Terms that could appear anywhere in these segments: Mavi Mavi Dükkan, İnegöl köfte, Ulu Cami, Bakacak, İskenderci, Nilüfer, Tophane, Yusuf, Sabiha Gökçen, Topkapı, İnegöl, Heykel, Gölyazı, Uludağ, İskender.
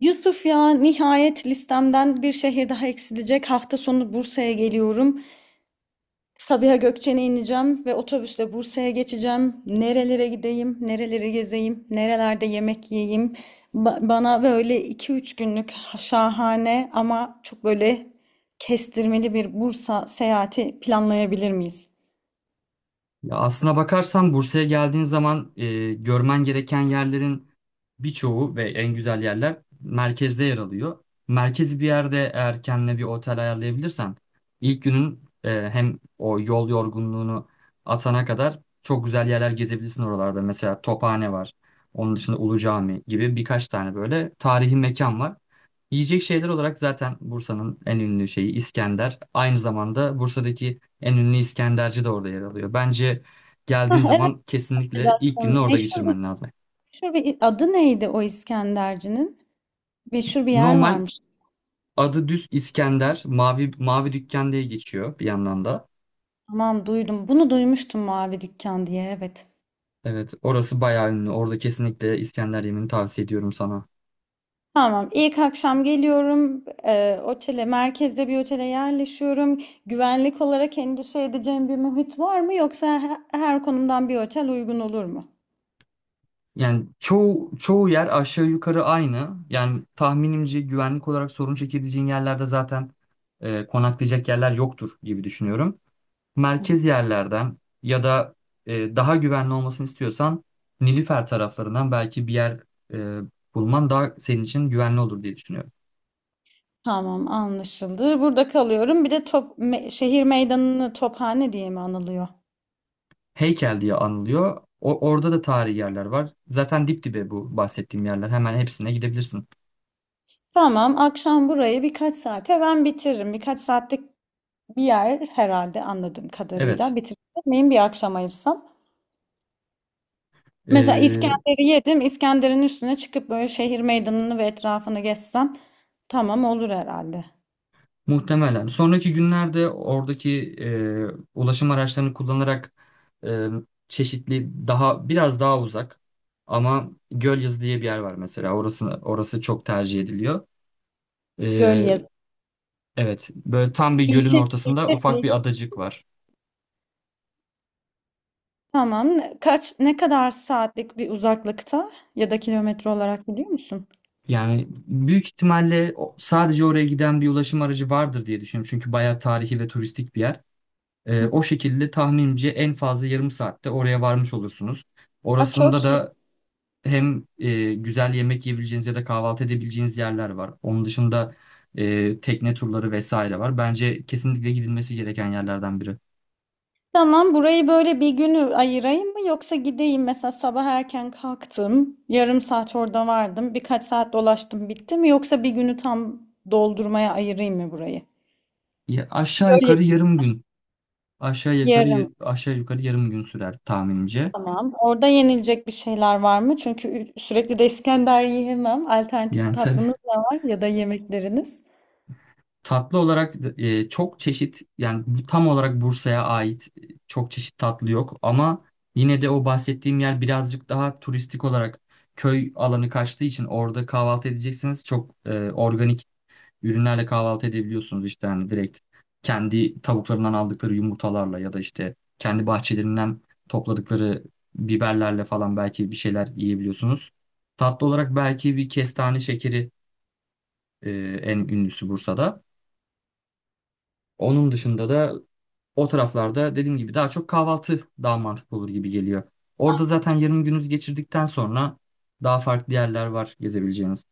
Yusuf ya nihayet listemden bir şehir daha eksilecek. Hafta sonu Bursa'ya geliyorum. Sabiha Gökçen'e ineceğim ve otobüsle Bursa'ya geçeceğim. Nerelere gideyim, nereleri gezeyim, nerelerde yemek yiyeyim. Bana böyle iki üç günlük şahane ama çok böyle kestirmeli bir Bursa seyahati planlayabilir miyiz? Ya aslına bakarsan Bursa'ya geldiğin zaman görmen gereken yerlerin birçoğu ve en güzel yerler merkezde yer alıyor. Merkezi bir yerde eğer kendine bir otel ayarlayabilirsen ilk günün hem o yol yorgunluğunu atana kadar çok güzel yerler gezebilirsin oralarda. Mesela Tophane var. Onun dışında Ulu Cami gibi birkaç tane böyle tarihi mekan var. Yiyecek şeyler olarak zaten Bursa'nın en ünlü şeyi İskender. Aynı zamanda Bursa'daki en ünlü İskenderci de orada yer alıyor. Bence Hah, geldiğin evet zaman hocam. kesinlikle ilk gününü orada Meşhur bir, geçirmen lazım. meşhur bir adı neydi o İskenderci'nin? Meşhur bir yer Normal varmış. adı düz İskender, Mavi Mavi Dükkan diye geçiyor bir yandan da. Tamam, duydum. Bunu duymuştum, mavi dükkan diye, evet. Evet, orası bayağı ünlü. Orada kesinlikle İskender yemini tavsiye ediyorum sana. Tamam, ilk akşam geliyorum. Otele Merkezde bir otele yerleşiyorum. Güvenlik olarak endişe edeceğim bir muhit var mı, yoksa her konumdan bir otel uygun olur mu? Yani çoğu yer aşağı yukarı aynı. Yani tahminimce güvenlik olarak sorun çekebileceğin yerlerde zaten konaklayacak yerler yoktur gibi düşünüyorum. Merkez yerlerden ya da daha güvenli olmasını istiyorsan Nilüfer taraflarından belki bir yer e, bulman daha senin için güvenli olur diye düşünüyorum. Tamam, anlaşıldı. Burada kalıyorum. Bir de şehir meydanını tophane diye mi anılıyor? Heykel diye anılıyor. Orada da tarihi yerler var. Zaten dip dibe bu bahsettiğim yerler. Hemen hepsine gidebilirsin. Tamam, akşam burayı birkaç saate ben bitiririm. Birkaç saatlik bir yer herhalde anladığım Evet. kadarıyla. Bitirmeyeyim, bir akşam ayırsam. Mesela e, İskender'i yedim. İskender'in üstüne çıkıp böyle şehir meydanını ve etrafını gezsem tamam olur herhalde. Muhtemelen. Sonraki günlerde oradaki ulaşım araçlarını kullanarak e, çeşitli daha biraz daha uzak ama Gölyazı diye bir yer var mesela. Orası çok tercih ediliyor. E, Gölyazı. evet, böyle tam bir gölün İlçe, ortasında ilçe, ufak ilçe. bir adacık var. Tamam. Kaç, ne kadar saatlik bir uzaklıkta ya da kilometre olarak biliyor musun? Yani büyük ihtimalle sadece oraya giden bir ulaşım aracı vardır diye düşünüyorum. Çünkü bayağı tarihi ve turistik bir yer. Hı hı. O şekilde tahminimce en fazla yarım saatte oraya varmış olursunuz. Aa, Orasında çok iyi. da hem güzel yemek yiyebileceğiniz ya da kahvaltı edebileceğiniz yerler var. Onun dışında tekne turları vesaire var. Bence kesinlikle gidilmesi gereken yerlerden biri. Tamam, burayı böyle bir günü ayırayım mı, yoksa gideyim mesela sabah erken kalktım, yarım saat orada vardım, birkaç saat dolaştım bitti mi, yoksa bir günü tam doldurmaya ayırayım mı burayı? Ya aşağı Göl yukarı yarım gün. Yarım. Aşağı yukarı yarım gün sürer tahminimce. Tamam. Orada yenilecek bir şeyler var mı? Çünkü sürekli de İskender yiyemem. Alternatif Yani tabii tatlınız da var ya da yemekleriniz. tatlı olarak çok çeşit yani bu tam olarak Bursa'ya ait çok çeşit tatlı yok ama yine de o bahsettiğim yer birazcık daha turistik olarak köy alanı kaçtığı için orada kahvaltı edeceksiniz. Çok organik ürünlerle kahvaltı edebiliyorsunuz işte hani direkt kendi tavuklarından aldıkları yumurtalarla ya da işte kendi bahçelerinden topladıkları biberlerle falan belki bir şeyler yiyebiliyorsunuz. Tatlı olarak belki bir kestane şekeri, e, en ünlüsü Bursa'da. Onun dışında da o taraflarda dediğim gibi daha çok kahvaltı daha mantıklı olur gibi geliyor. Orada zaten yarım gününüzü geçirdikten sonra daha farklı yerler var gezebileceğiniz.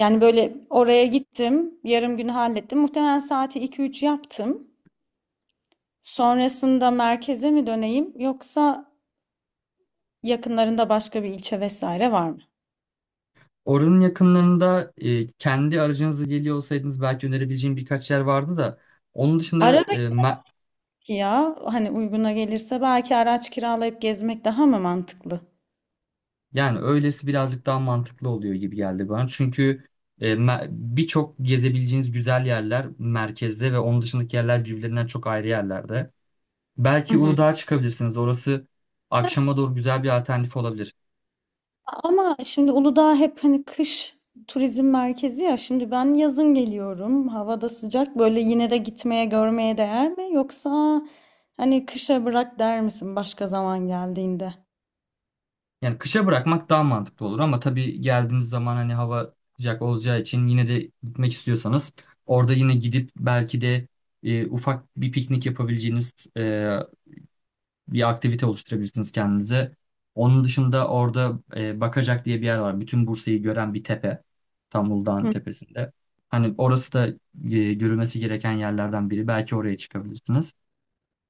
Yani böyle oraya gittim, yarım günü hallettim. Muhtemelen saati iki üç yaptım. Sonrasında merkeze mi döneyim, yoksa yakınlarında başka bir ilçe vesaire var mı? Oranın yakınlarında kendi aracınızla geliyor olsaydınız belki önerebileceğim birkaç yer vardı da onun Ara dışında e, me- Ki ya hani uyguna gelirse belki araç kiralayıp gezmek daha mı mantıklı? yani öylesi birazcık daha mantıklı oluyor gibi geldi bana. Çünkü birçok gezebileceğiniz güzel yerler merkezde ve onun dışındaki yerler birbirlerinden çok ayrı yerlerde. Belki Uludağ'a çıkabilirsiniz. Orası akşama doğru güzel bir alternatif olabilir. Ama şimdi Uludağ hep hani kış turizm merkezi ya. Şimdi ben yazın geliyorum. Havada sıcak. Böyle yine de gitmeye, görmeye değer mi? Yoksa hani kışa bırak der misin başka zaman geldiğinde? Yani kışa bırakmak daha mantıklı olur ama tabii geldiğiniz zaman hani hava sıcak olacağı için yine de gitmek istiyorsanız orada yine gidip belki de ufak bir piknik yapabileceğiniz bir aktivite oluşturabilirsiniz kendinize. Onun dışında orada Bakacak diye bir yer var. Bütün Bursa'yı gören bir tepe. Tam Uludağ'ın Hı. tepesinde. Hani orası da görülmesi gereken yerlerden biri. Belki oraya çıkabilirsiniz.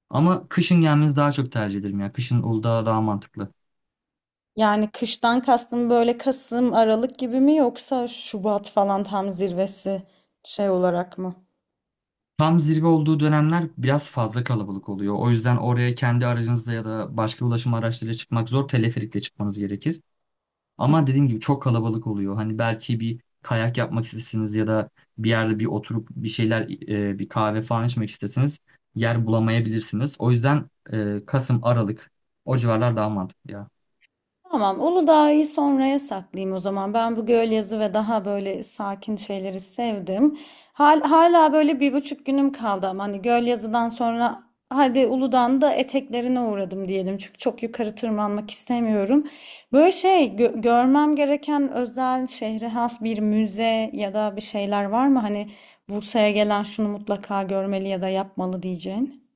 Ama kışın gelmenizi daha çok tercih ederim. Yani kışın Uludağ daha mantıklı. Yani kıştan kastın böyle Kasım, Aralık gibi mi, yoksa Şubat falan tam zirvesi şey olarak mı? Tam zirve olduğu dönemler biraz fazla kalabalık oluyor. O yüzden oraya kendi aracınızla ya da başka ulaşım araçlarıyla çıkmak zor. Teleferikle çıkmanız gerekir. Ama dediğim gibi çok kalabalık oluyor. Hani belki bir kayak yapmak istesiniz ya da bir yerde bir oturup bir şeyler, bir kahve falan içmek istesiniz. Yer bulamayabilirsiniz. O yüzden Kasım, Aralık o civarlar daha mantıklı ya. Tamam, Uludağ'ı sonraya saklayayım o zaman. Ben bu göl yazı ve daha böyle sakin şeyleri sevdim. Hala böyle 1,5 günüm kaldı ama hani göl yazıdan sonra hadi Uludağ'ın da eteklerine uğradım diyelim. Çünkü çok yukarı tırmanmak istemiyorum. Böyle şey görmem gereken özel, şehre has bir müze ya da bir şeyler var mı? Hani Bursa'ya gelen şunu mutlaka görmeli ya da yapmalı diyeceğin.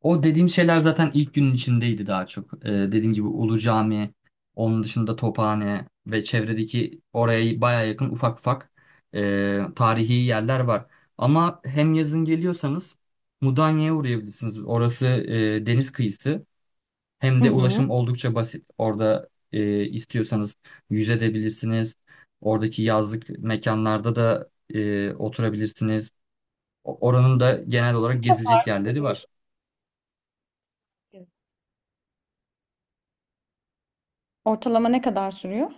O dediğim şeyler zaten ilk günün içindeydi daha çok. Dediğim gibi Ulu Cami, onun dışında Tophane ve çevredeki oraya baya yakın ufak ufak tarihi yerler var. Ama hem yazın geliyorsanız Mudanya'ya uğrayabilirsiniz. Orası deniz kıyısı. Hem Hı de hı. ulaşım oldukça basit. Orada istiyorsanız yüzebilirsiniz. Oradaki yazlık mekanlarda da oturabilirsiniz. Oranın da genel Ne olarak kadar gezilecek yerleri sürüyor? var. Ortalama ne kadar sürüyor?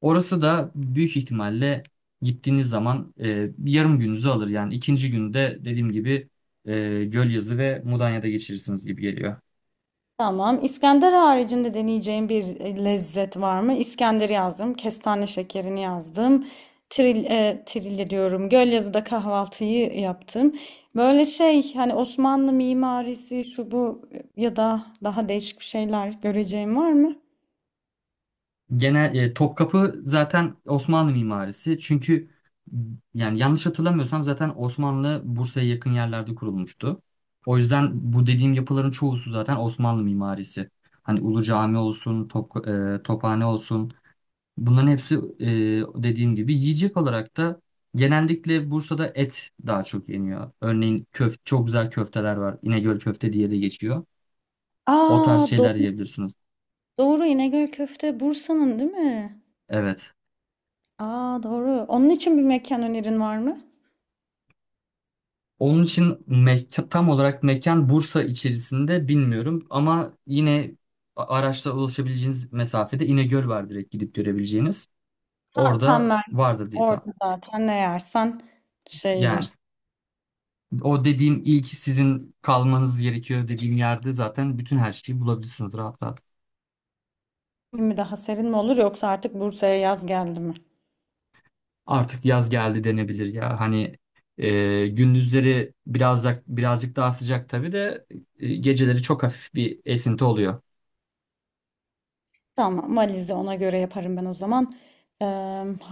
Orası da büyük ihtimalle gittiğiniz zaman yarım gününüzü alır. Yani ikinci günde dediğim gibi Gölyazı ve Mudanya'da geçirirsiniz gibi geliyor. Tamam. İskender haricinde deneyeceğim bir lezzet var mı? İskenderi yazdım. Kestane şekerini yazdım. Trilye diyorum. Gölyazı'da kahvaltıyı yaptım. Böyle şey hani Osmanlı mimarisi şu bu ya da daha değişik bir şeyler göreceğim var mı? Genel Topkapı zaten Osmanlı mimarisi. Çünkü yani yanlış hatırlamıyorsam zaten Osmanlı Bursa'ya yakın yerlerde kurulmuştu. O yüzden bu dediğim yapıların çoğusu zaten Osmanlı mimarisi. Hani Ulu Cami olsun, Tophane olsun. Bunların hepsi dediğim gibi yiyecek olarak da genellikle Bursa'da et daha çok yeniyor. Örneğin çok güzel köfteler var. İnegöl köfte diye de geçiyor. O tarz Aa şeyler doğru, yiyebilirsiniz. doğru, İnegöl köfte Bursa'nın değil mi? Evet. Aa doğru. Onun için bir mekan önerin var mı? Onun için mekan, tam olarak mekan Bursa içerisinde bilmiyorum ama yine araçla ulaşabileceğiniz mesafede İnegöl var direkt gidip görebileceğiniz. Ha, tam Orada ben vardır diye tahmin. orada zaten ne yersen Yani şeydir. o dediğim ilk sizin kalmanız gerekiyor dediğim yerde zaten bütün her şeyi bulabilirsiniz rahat rahat. Mi daha serin mi olur, yoksa artık Bursa'ya yaz geldi mi? Artık yaz geldi denebilir ya. Hani gündüzleri birazcık daha sıcak tabii de geceleri çok hafif bir esinti oluyor. Tamam, valizi ona göre yaparım ben o zaman. Eee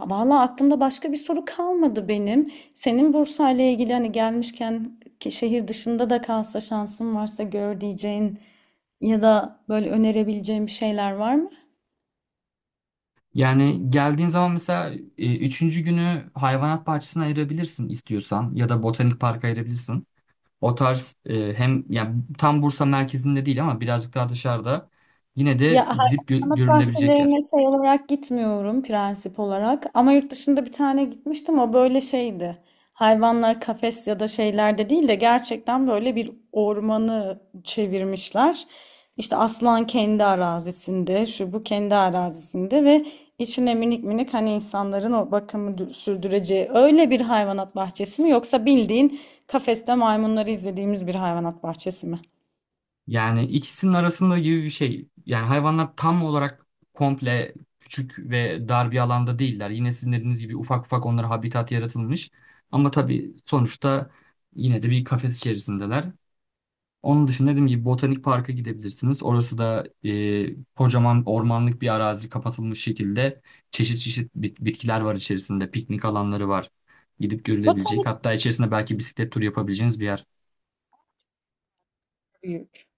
Valla aklımda başka bir soru kalmadı benim. Senin Bursa ile ilgili hani gelmişken ki şehir dışında da kalsa şansın varsa gör diyeceğin ya da böyle önerebileceğin bir şeyler var mı? Yani geldiğin zaman mesela üçüncü günü hayvanat bahçesine ayırabilirsin istiyorsan ya da botanik parka ayırabilirsin. O tarz hem yani tam Bursa merkezinde değil ama birazcık daha dışarıda yine Ya de gidip hayvanat görülebilecek yer. bahçelerine şey olarak gitmiyorum, prensip olarak. Ama yurt dışında bir tane gitmiştim. O böyle şeydi. Hayvanlar kafes ya da şeylerde değil de gerçekten böyle bir ormanı çevirmişler. İşte aslan kendi arazisinde, şu bu kendi arazisinde ve içine minik minik hani insanların o bakımı sürdüreceği öyle bir hayvanat bahçesi mi, yoksa bildiğin kafeste maymunları izlediğimiz bir hayvanat bahçesi mi? Yani ikisinin arasında gibi bir şey. Yani hayvanlar tam olarak komple küçük ve dar bir alanda değiller. Yine sizin dediğiniz gibi ufak ufak onlara habitat yaratılmış. Ama tabii sonuçta yine de bir kafes içerisindeler. Onun dışında dediğim gibi Botanik Park'a gidebilirsiniz. Orası da kocaman ormanlık bir arazi kapatılmış şekilde çeşit çeşit bitkiler var içerisinde. Piknik alanları var. Gidip görülebilecek. Botanik Hatta içerisinde belki bisiklet turu yapabileceğiniz bir yer. büyük.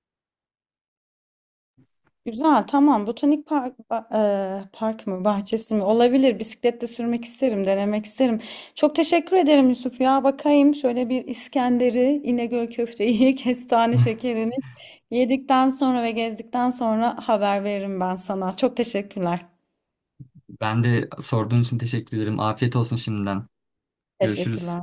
Güzel, tamam. Botanik park, park mı, bahçesi mi? Olabilir. Bisikletle sürmek isterim, denemek isterim. Çok teşekkür ederim Yusuf ya. Bakayım şöyle bir İskender'i, İnegöl köfteyi, kestane şekerini yedikten sonra ve gezdikten sonra haber veririm ben sana. Çok teşekkürler. Ben de sorduğun için teşekkür ederim. Afiyet olsun şimdiden. Görüşürüz. Teşekkürler.